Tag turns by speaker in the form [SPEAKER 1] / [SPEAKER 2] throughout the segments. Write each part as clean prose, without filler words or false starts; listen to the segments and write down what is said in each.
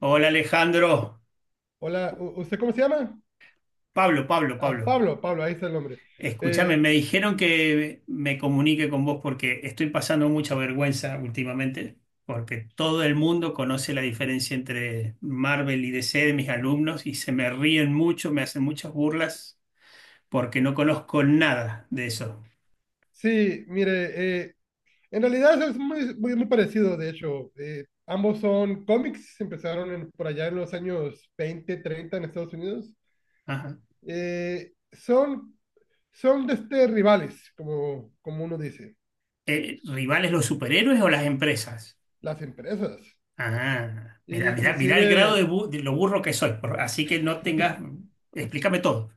[SPEAKER 1] Hola, Alejandro.
[SPEAKER 2] Hola, ¿usted cómo se llama?
[SPEAKER 1] Pablo, Pablo,
[SPEAKER 2] Ah,
[SPEAKER 1] Pablo.
[SPEAKER 2] Pablo, Pablo, ahí está el nombre.
[SPEAKER 1] Escúchame,
[SPEAKER 2] Eh,
[SPEAKER 1] me dijeron que me comunique con vos porque estoy pasando mucha vergüenza últimamente, porque todo el mundo conoce la diferencia entre Marvel y DC. De mis alumnos y se me ríen mucho, me hacen muchas burlas porque no conozco nada de eso.
[SPEAKER 2] sí, mire, eh, en realidad es muy, muy, muy parecido, de hecho. Ambos son cómics, por allá en los años 20, 30 en Estados Unidos.
[SPEAKER 1] Ajá.
[SPEAKER 2] Eh, son Son rivales, como, como uno dice,
[SPEAKER 1] ¿Rivales los superhéroes o las empresas?
[SPEAKER 2] las empresas.
[SPEAKER 1] Ah,
[SPEAKER 2] E
[SPEAKER 1] mira el grado
[SPEAKER 2] inclusive,
[SPEAKER 1] de lo burro que soy, así que no tengas, explícame todo.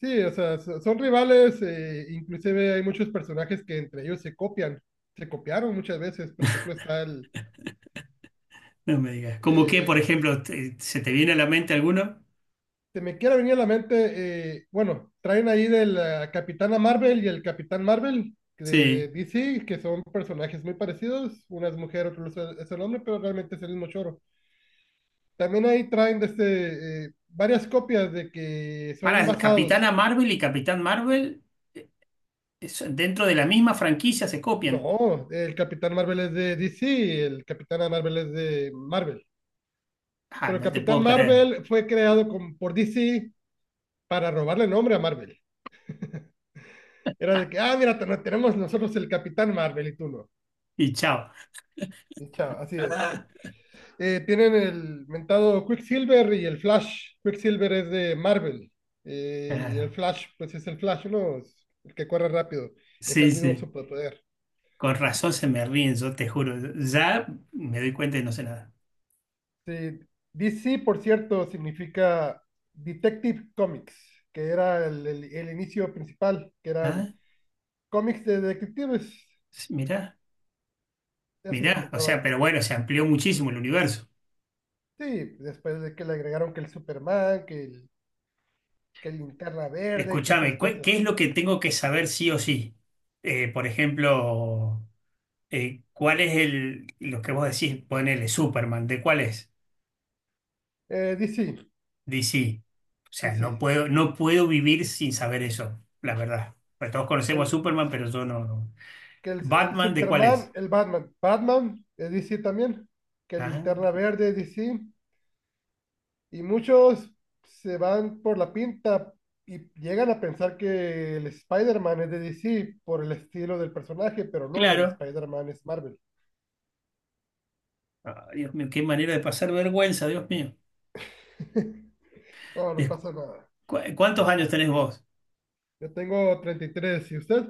[SPEAKER 2] sí, o sea, son rivales, inclusive hay muchos personajes que entre ellos se copian, se copiaron muchas veces. Por ejemplo,
[SPEAKER 1] No me digas. ¿Cómo que, por
[SPEAKER 2] eh, pues,
[SPEAKER 1] ejemplo, se te viene a la mente alguno?
[SPEAKER 2] se me quiera venir a la mente, bueno, traen ahí de la Capitana Marvel y el Capitán Marvel de
[SPEAKER 1] Sí.
[SPEAKER 2] DC, que son personajes muy parecidos, una es mujer, otro es el hombre, pero realmente es el mismo choro. También ahí traen varias copias de que son
[SPEAKER 1] Para,
[SPEAKER 2] basados.
[SPEAKER 1] Capitana Marvel y Capitán Marvel, eh, dentro de la misma franquicia se copian.
[SPEAKER 2] No, el Capitán Marvel es de DC, el Capitán Marvel es de Marvel.
[SPEAKER 1] Ah,
[SPEAKER 2] Pero el
[SPEAKER 1] no te
[SPEAKER 2] Capitán
[SPEAKER 1] puedo creer.
[SPEAKER 2] Marvel fue creado con, por DC para robarle nombre a Marvel. Era de que, ah, mira, tenemos nosotros el Capitán Marvel y tú no.
[SPEAKER 1] Y chao.
[SPEAKER 2] Y chao, así es. Tienen el mentado Quicksilver y el Flash. Quicksilver es de Marvel. Y el
[SPEAKER 1] Claro.
[SPEAKER 2] Flash, pues es el Flash, ¿no? Es el que corre rápido. Es
[SPEAKER 1] Sí,
[SPEAKER 2] el mismo
[SPEAKER 1] sí.
[SPEAKER 2] superpoder.
[SPEAKER 1] Con razón se me ríen, yo te juro. Ya me doy cuenta y no sé nada.
[SPEAKER 2] Sí, DC, por cierto, significa Detective Comics, que era el inicio principal, que
[SPEAKER 1] ¿Nada?
[SPEAKER 2] eran cómics de detectives.
[SPEAKER 1] Sí, Mirá,
[SPEAKER 2] De eso se
[SPEAKER 1] mirá. O sea,
[SPEAKER 2] trataba.
[SPEAKER 1] pero bueno, se amplió muchísimo el universo.
[SPEAKER 2] Sí, después de que le agregaron que el Superman, que Linterna Verde, que esas
[SPEAKER 1] Escúchame,
[SPEAKER 2] cosas.
[SPEAKER 1] ¿qué es lo que tengo que saber sí o sí? Por ejemplo. ¿Cuál es lo que vos decís, ponele Superman, ¿de cuál es?
[SPEAKER 2] DC,
[SPEAKER 1] DC. O sea,
[SPEAKER 2] DC.
[SPEAKER 1] no puedo vivir sin saber eso, la verdad. Pues todos conocemos a
[SPEAKER 2] El,
[SPEAKER 1] Superman, pero yo no.
[SPEAKER 2] que el
[SPEAKER 1] ¿Batman de cuál
[SPEAKER 2] Superman,
[SPEAKER 1] es?
[SPEAKER 2] el Batman. Batman, DC también. Que
[SPEAKER 1] Ah,
[SPEAKER 2] Linterna Verde, DC. Y muchos se van por la pinta y llegan a pensar que el Spider-Man es de DC por el estilo del personaje, pero no, el
[SPEAKER 1] claro.
[SPEAKER 2] Spider-Man es Marvel.
[SPEAKER 1] Ah, Dios mío, qué manera de pasar vergüenza, Dios mío.
[SPEAKER 2] No, no
[SPEAKER 1] Es-
[SPEAKER 2] pasa nada.
[SPEAKER 1] ¿Cuántos años tenés vos?
[SPEAKER 2] Yo tengo 33 y tres, ¿y usted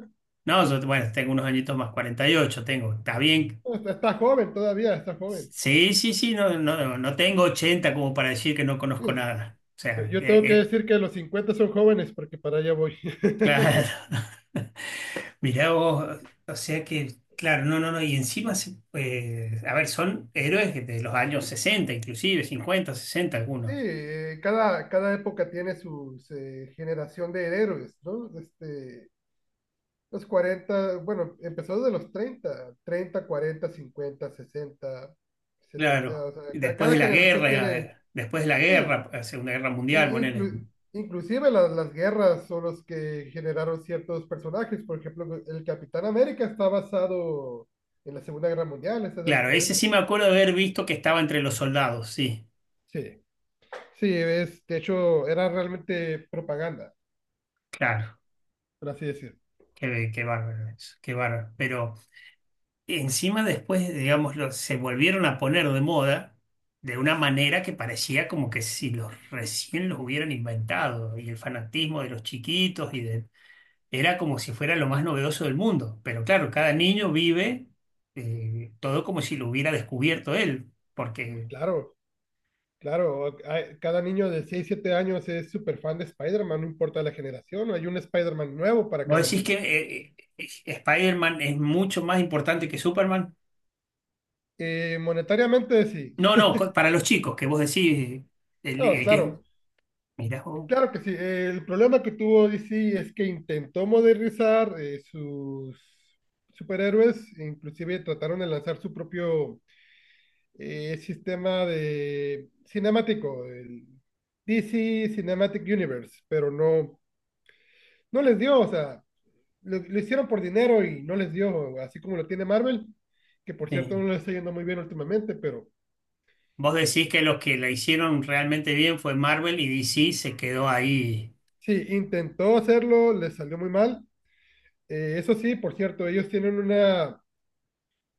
[SPEAKER 1] No, yo, bueno, tengo unos añitos más, 48, tengo. Está bien.
[SPEAKER 2] está, está joven todavía, está joven.
[SPEAKER 1] Sí, sí, sí, no tengo 80 como para decir que no
[SPEAKER 2] Sí,
[SPEAKER 1] conozco nada.
[SPEAKER 2] Yo tengo que decir que los 50 son jóvenes porque para allá voy.
[SPEAKER 1] Claro. Mirá vos, o sea que, claro, no, no, no, y encima, a ver, son héroes de los años 60 inclusive, 50, 60
[SPEAKER 2] Sí,
[SPEAKER 1] algunos,
[SPEAKER 2] cada época tiene su generación de héroes, ¿no? Este, los cuarenta, bueno, empezó desde los 30, 30, 40, 50, 60, 70,
[SPEAKER 1] claro,
[SPEAKER 2] o
[SPEAKER 1] y
[SPEAKER 2] sea,
[SPEAKER 1] después de
[SPEAKER 2] cada
[SPEAKER 1] la
[SPEAKER 2] generación
[SPEAKER 1] guerra,
[SPEAKER 2] tiene, sí,
[SPEAKER 1] la Segunda Guerra
[SPEAKER 2] in-
[SPEAKER 1] Mundial, ponele.
[SPEAKER 2] inclu- inclusive las guerras son los que generaron ciertos personajes. Por ejemplo, el Capitán América está basado en la Segunda Guerra Mundial, ese es de los
[SPEAKER 1] Claro, ese
[SPEAKER 2] 40.
[SPEAKER 1] sí me acuerdo de haber visto que estaba entre los soldados, sí,
[SPEAKER 2] Sí, sí, es, de hecho, era realmente propaganda,
[SPEAKER 1] claro,
[SPEAKER 2] por así decir.
[SPEAKER 1] qué bárbaro eso, qué bárbaro. Pero y encima después, digámoslo, se volvieron a poner de moda de una manera que parecía como que si los recién los hubieran inventado y el fanatismo de los chiquitos y de... era como si fuera lo más novedoso del mundo. Pero claro, cada niño vive todo como si lo hubiera descubierto él, porque
[SPEAKER 2] Claro, claro, hay- cada niño de 6, 7 años es súper fan de Spider-Man, no importa la generación, hay un Spider-Man nuevo para
[SPEAKER 1] vos
[SPEAKER 2] cada
[SPEAKER 1] decís que
[SPEAKER 2] niño.
[SPEAKER 1] Spider-Man es mucho más importante que Superman.
[SPEAKER 2] Monetariamente, sí.
[SPEAKER 1] No, no, co- para los chicos, que vos decís,
[SPEAKER 2] No,
[SPEAKER 1] el que es...
[SPEAKER 2] claro,
[SPEAKER 1] Mirá, vos,
[SPEAKER 2] claro que sí. El problema que tuvo DC es que intentó modernizar sus superhéroes, inclusive trataron de lanzar su propio es sistema de cinemático, el DC Cinematic Universe, pero no, no les dio, o sea, lo hicieron por dinero y no les dio, así como lo tiene Marvel, que por cierto
[SPEAKER 1] sí.
[SPEAKER 2] no le está yendo muy bien últimamente, pero
[SPEAKER 1] Vos decís que los que la hicieron realmente bien fue Marvel y DC se quedó ahí.
[SPEAKER 2] sí, intentó hacerlo, le salió muy mal. Eso sí, por cierto, ellos tienen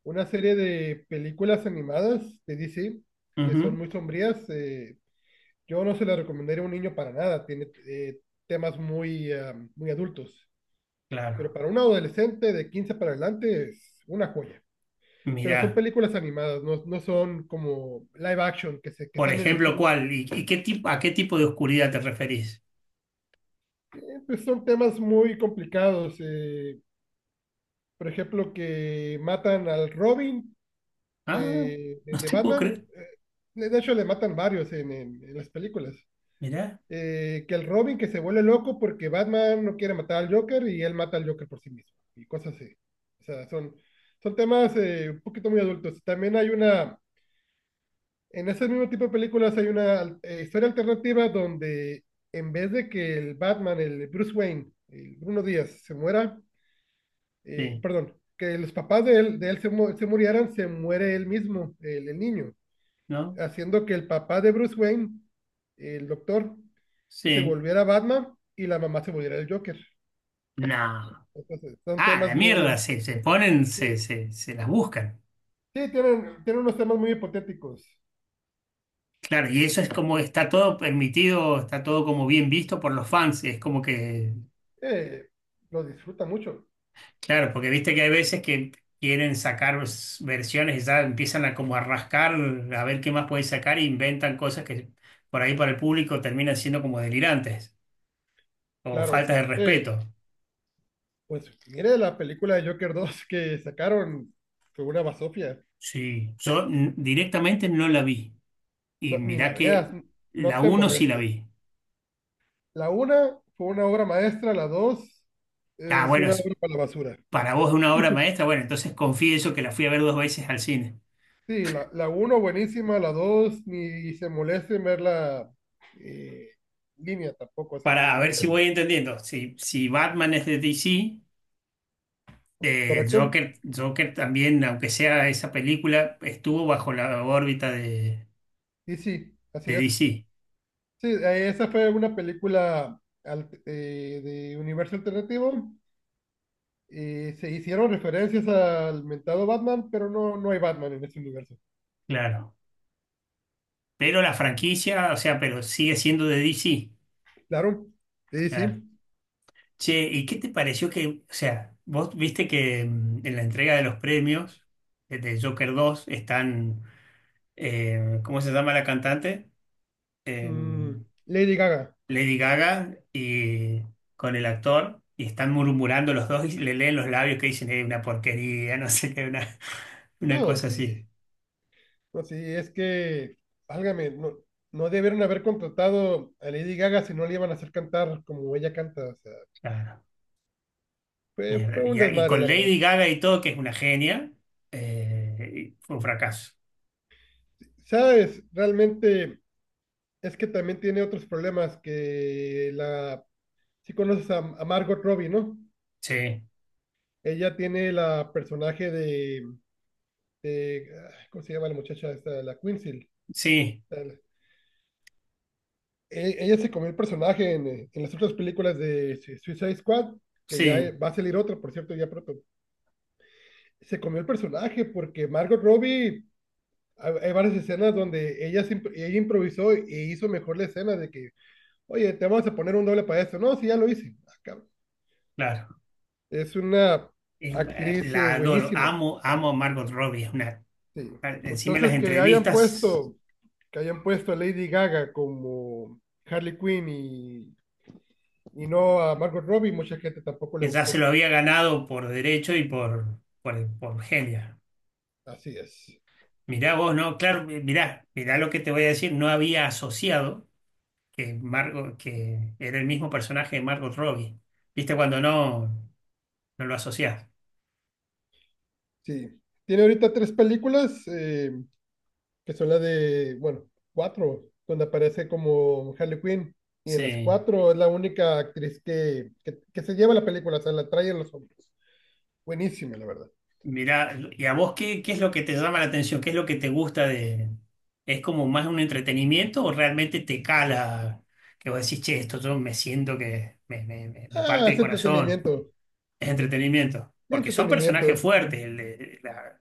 [SPEAKER 2] una serie de películas animadas de DC que
[SPEAKER 1] Ujú,
[SPEAKER 2] son muy sombrías. Yo no se las recomendaría a un niño para nada, tiene temas muy, ah, muy adultos. Pero
[SPEAKER 1] claro.
[SPEAKER 2] para un adolescente de 15 para adelante es una joya. Pero son
[SPEAKER 1] Mirá,
[SPEAKER 2] películas animadas, no, no son como live action que, se, que
[SPEAKER 1] por
[SPEAKER 2] están en el
[SPEAKER 1] ejemplo,
[SPEAKER 2] cine.
[SPEAKER 1] ¿cuál? Y qué tipo, a qué tipo de oscuridad te referís?
[SPEAKER 2] Pues son temas muy complicados. Por ejemplo, que matan al Robin
[SPEAKER 1] Ah,
[SPEAKER 2] de,
[SPEAKER 1] no
[SPEAKER 2] de
[SPEAKER 1] te puedo
[SPEAKER 2] Batman.
[SPEAKER 1] creer.
[SPEAKER 2] De hecho, le matan varios en, en las películas.
[SPEAKER 1] Mirá,
[SPEAKER 2] Que el Robin que se vuelve loco porque Batman no quiere matar al Joker y él mata al Joker por sí mismo. Y cosas así. O sea, son, son temas un poquito muy adultos. También hay una, en ese mismo tipo de películas hay una historia alternativa donde en vez de que el Batman, el Bruce Wayne, el Bruno Díaz se muera,
[SPEAKER 1] sí,
[SPEAKER 2] perdón, que los papás de él se, se murieran, se muere él mismo, el niño,
[SPEAKER 1] ¿no?
[SPEAKER 2] haciendo que el papá de Bruce Wayne, el doctor, se
[SPEAKER 1] Sí.
[SPEAKER 2] volviera Batman y la mamá se volviera el Joker.
[SPEAKER 1] No.
[SPEAKER 2] Entonces, son
[SPEAKER 1] Ah,
[SPEAKER 2] temas
[SPEAKER 1] la mierda,
[SPEAKER 2] muy...
[SPEAKER 1] se ponen,
[SPEAKER 2] Sí,
[SPEAKER 1] se las buscan.
[SPEAKER 2] sí, tienen, tienen unos temas muy hipotéticos.
[SPEAKER 1] Claro, y eso es como está todo permitido, está todo como bien visto por los fans. Es como que
[SPEAKER 2] Eh, lo disfruta mucho,
[SPEAKER 1] claro, porque viste que hay veces que quieren sacar versiones y ya empiezan a como a rascar, a ver qué más pueden sacar e inventan cosas que por ahí para el público terminan siendo como delirantes o faltas
[SPEAKER 2] claro.
[SPEAKER 1] de respeto.
[SPEAKER 2] Sí. Pues mire la película de Joker 2 que sacaron, fue una basofia.
[SPEAKER 1] Sí, yo directamente no la vi. Y
[SPEAKER 2] No, ni la
[SPEAKER 1] mirá
[SPEAKER 2] veas,
[SPEAKER 1] que
[SPEAKER 2] no
[SPEAKER 1] la
[SPEAKER 2] te
[SPEAKER 1] uno sí la
[SPEAKER 2] molestes.
[SPEAKER 1] vi.
[SPEAKER 2] La una fue una obra maestra, la 2
[SPEAKER 1] Ah,
[SPEAKER 2] es
[SPEAKER 1] bueno,
[SPEAKER 2] una obra para la basura.
[SPEAKER 1] para vos es una obra maestra, bueno, entonces confieso que la fui a ver dos veces al cine.
[SPEAKER 2] Sí, la uno buenísima, la dos ni se moleste en verla eh, en línea tampoco, o sea,
[SPEAKER 1] Para a ver
[SPEAKER 2] ni
[SPEAKER 1] si
[SPEAKER 2] caché.
[SPEAKER 1] voy entendiendo. Si, si Batman es de DC.
[SPEAKER 2] ¿Correcto?
[SPEAKER 1] Joker también, aunque sea esa película, estuvo bajo la órbita
[SPEAKER 2] Y sí, así
[SPEAKER 1] de
[SPEAKER 2] es.
[SPEAKER 1] DC,
[SPEAKER 2] Sí, esa fue una película de universo alternativo. Se hicieron referencias al mentado Batman, pero no, no hay Batman en este universo.
[SPEAKER 1] claro. Pero la franquicia, o sea, pero sigue siendo de DC,
[SPEAKER 2] Claro, sí,
[SPEAKER 1] claro.
[SPEAKER 2] sí.
[SPEAKER 1] Che, ¿y qué te pareció que, o sea, vos viste que mm, en la entrega de los premios de Joker 2 están, ¿cómo se llama la cantante? Eh,
[SPEAKER 2] Mm, Lady Gaga.
[SPEAKER 1] Lady Gaga y con el actor. Y están murmurando los dos y le leen los labios que dicen, es una porquería, no sé qué, una... Una
[SPEAKER 2] No,
[SPEAKER 1] cosa así,
[SPEAKER 2] sí. No, sí, es que, válgame, no, no debieron haber contratado a Lady Gaga si no le iban a hacer cantar como ella canta. O sea,
[SPEAKER 1] claro.
[SPEAKER 2] fue,
[SPEAKER 1] Mierda.
[SPEAKER 2] fue un
[SPEAKER 1] Y
[SPEAKER 2] desmadre,
[SPEAKER 1] con
[SPEAKER 2] la verdad.
[SPEAKER 1] Lady Gaga y todo, que es una genia, fue un fracaso.
[SPEAKER 2] ¿Sabes? Realmente es que también tiene otros problemas que la... Si conoces a Margot Robbie, ¿no?
[SPEAKER 1] Sí,
[SPEAKER 2] Ella tiene la personaje de ah, ¿cómo se llama la muchacha esta? La Quincy.
[SPEAKER 1] sí,
[SPEAKER 2] la- la- Ella se comió el personaje en las otras películas de Suicide Squad, que ya
[SPEAKER 1] sí,
[SPEAKER 2] va a salir otra, por cierto, ya pronto. Se comió el personaje porque Margot Robbie, hay varias escenas donde ella, ella improvisó y hizo mejor la escena de que, oye, te vamos a poner un doble para esto. No, sí, ya lo hice. Ah, cabrón.
[SPEAKER 1] claro.
[SPEAKER 2] Es una actriz
[SPEAKER 1] La adoro,
[SPEAKER 2] buenísima.
[SPEAKER 1] amo a Margot Robbie. Es una,
[SPEAKER 2] Sí.
[SPEAKER 1] encima en las
[SPEAKER 2] Entonces,
[SPEAKER 1] entrevistas,
[SPEAKER 2] que hayan puesto a Lady Gaga como Harley Quinn y no a Margot Robbie, mucha gente tampoco le
[SPEAKER 1] que ya se
[SPEAKER 2] gustó.
[SPEAKER 1] lo había ganado por derecho y por genia.
[SPEAKER 2] Así es.
[SPEAKER 1] Mirá vos, ¿no? Claro, mirá, mirá lo que te voy a decir. No había asociado que, Margot, que era el mismo personaje de Margot Robbie. ¿Viste cuando no lo asociás?
[SPEAKER 2] Sí. Tiene ahorita 3 películas, que son las de, bueno, cuatro, donde aparece como Harley Quinn. Y en las
[SPEAKER 1] Sí,
[SPEAKER 2] cuatro es la única actriz que se lleva la película, o sea, la trae en los hombros. Buenísima, la verdad.
[SPEAKER 1] mira, ¿y a vos qué, qué es lo que te llama la atención? ¿Qué es lo que te gusta de... ¿Es como más un entretenimiento o realmente te cala que vos decís, che, esto yo me siento que me
[SPEAKER 2] Ah,
[SPEAKER 1] parte el
[SPEAKER 2] es
[SPEAKER 1] corazón?
[SPEAKER 2] entretenimiento.
[SPEAKER 1] Es entretenimiento. Porque son
[SPEAKER 2] Entretenimiento.
[SPEAKER 1] personajes fuertes. El, de- la-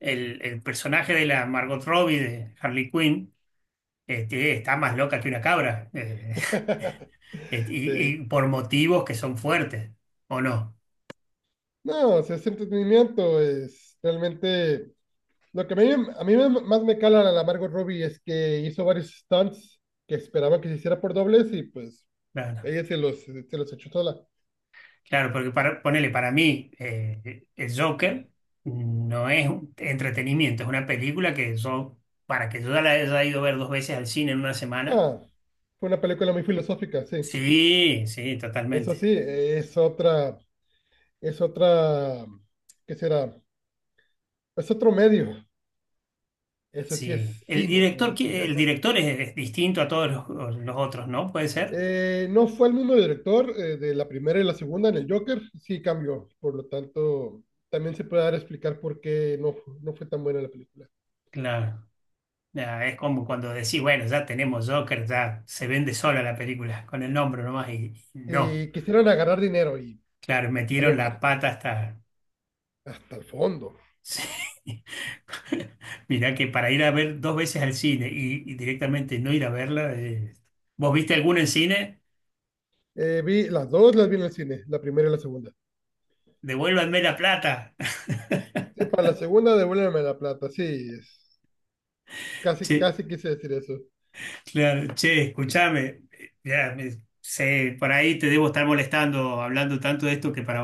[SPEAKER 1] el- El personaje de la Margot Robbie, de Harley Quinn, este, está más loca que una cabra.
[SPEAKER 2] Sí.
[SPEAKER 1] Y por motivos que son fuertes, ¿o no?
[SPEAKER 2] No, o sea, es entretenimiento. Es realmente, lo que a mí más me cala a la Margot Robbie es que hizo varios stunts que esperaba que se hiciera por dobles y pues
[SPEAKER 1] Claro.
[SPEAKER 2] ella se los echó sola.
[SPEAKER 1] Claro, porque para, ponele, para mí, el Joker no es un entretenimiento, es una película que yo, para que yo ya la haya ido a ver dos veces al cine en una semana.
[SPEAKER 2] Ah, fue una película muy filosófica, sí.
[SPEAKER 1] Sí, sí,
[SPEAKER 2] Eso sí,
[SPEAKER 1] totalmente.
[SPEAKER 2] es otra, ¿qué será? Es otro medio. Eso sí es
[SPEAKER 1] Sí. El
[SPEAKER 2] cine, como
[SPEAKER 1] director,
[SPEAKER 2] dicen.
[SPEAKER 1] el director es distinto a todos los otros, ¿no? Puede ser.
[SPEAKER 2] No fue el mismo director de la primera y la segunda en el Joker, sí cambió. Por lo tanto, también se puede dar a explicar por qué no, no fue tan buena la película.
[SPEAKER 1] Claro. Ya, es como cuando decís, bueno, ya tenemos Joker, ya se vende sola la película, con el nombre nomás, y no.
[SPEAKER 2] Y quisieron agarrar dinero y
[SPEAKER 1] Claro,
[SPEAKER 2] valió
[SPEAKER 1] metieron la
[SPEAKER 2] madre,
[SPEAKER 1] pata hasta.
[SPEAKER 2] hasta el fondo.
[SPEAKER 1] Sí. Mirá que para ir a ver dos veces al cine y directamente no ir a verla, ¿vos viste alguna en cine?
[SPEAKER 2] Vi las dos, las vi en el cine, la primera y la segunda.
[SPEAKER 1] Devuélvanme la plata.
[SPEAKER 2] Para la segunda, devuélveme la plata, sí, es, casi,
[SPEAKER 1] Che,
[SPEAKER 2] casi quise decir eso.
[SPEAKER 1] claro, che, escúchame. Ya, sé, por ahí te debo estar molestando hablando tanto de esto que para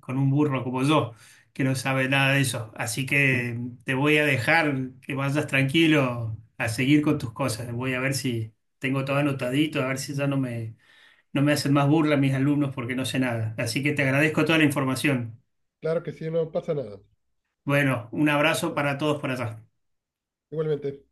[SPEAKER 1] con un burro como yo, que no sabe nada de eso. Así que te voy a dejar que vayas tranquilo a seguir con tus cosas. Voy a ver si tengo todo
[SPEAKER 2] Bueno,
[SPEAKER 1] anotadito, a ver si ya no me no me hacen más burla mis alumnos porque no sé nada. Así que te agradezco toda la información.
[SPEAKER 2] claro que sí, no pasa nada.
[SPEAKER 1] Bueno, un abrazo
[SPEAKER 2] Bueno,
[SPEAKER 1] para todos por allá.
[SPEAKER 2] igualmente.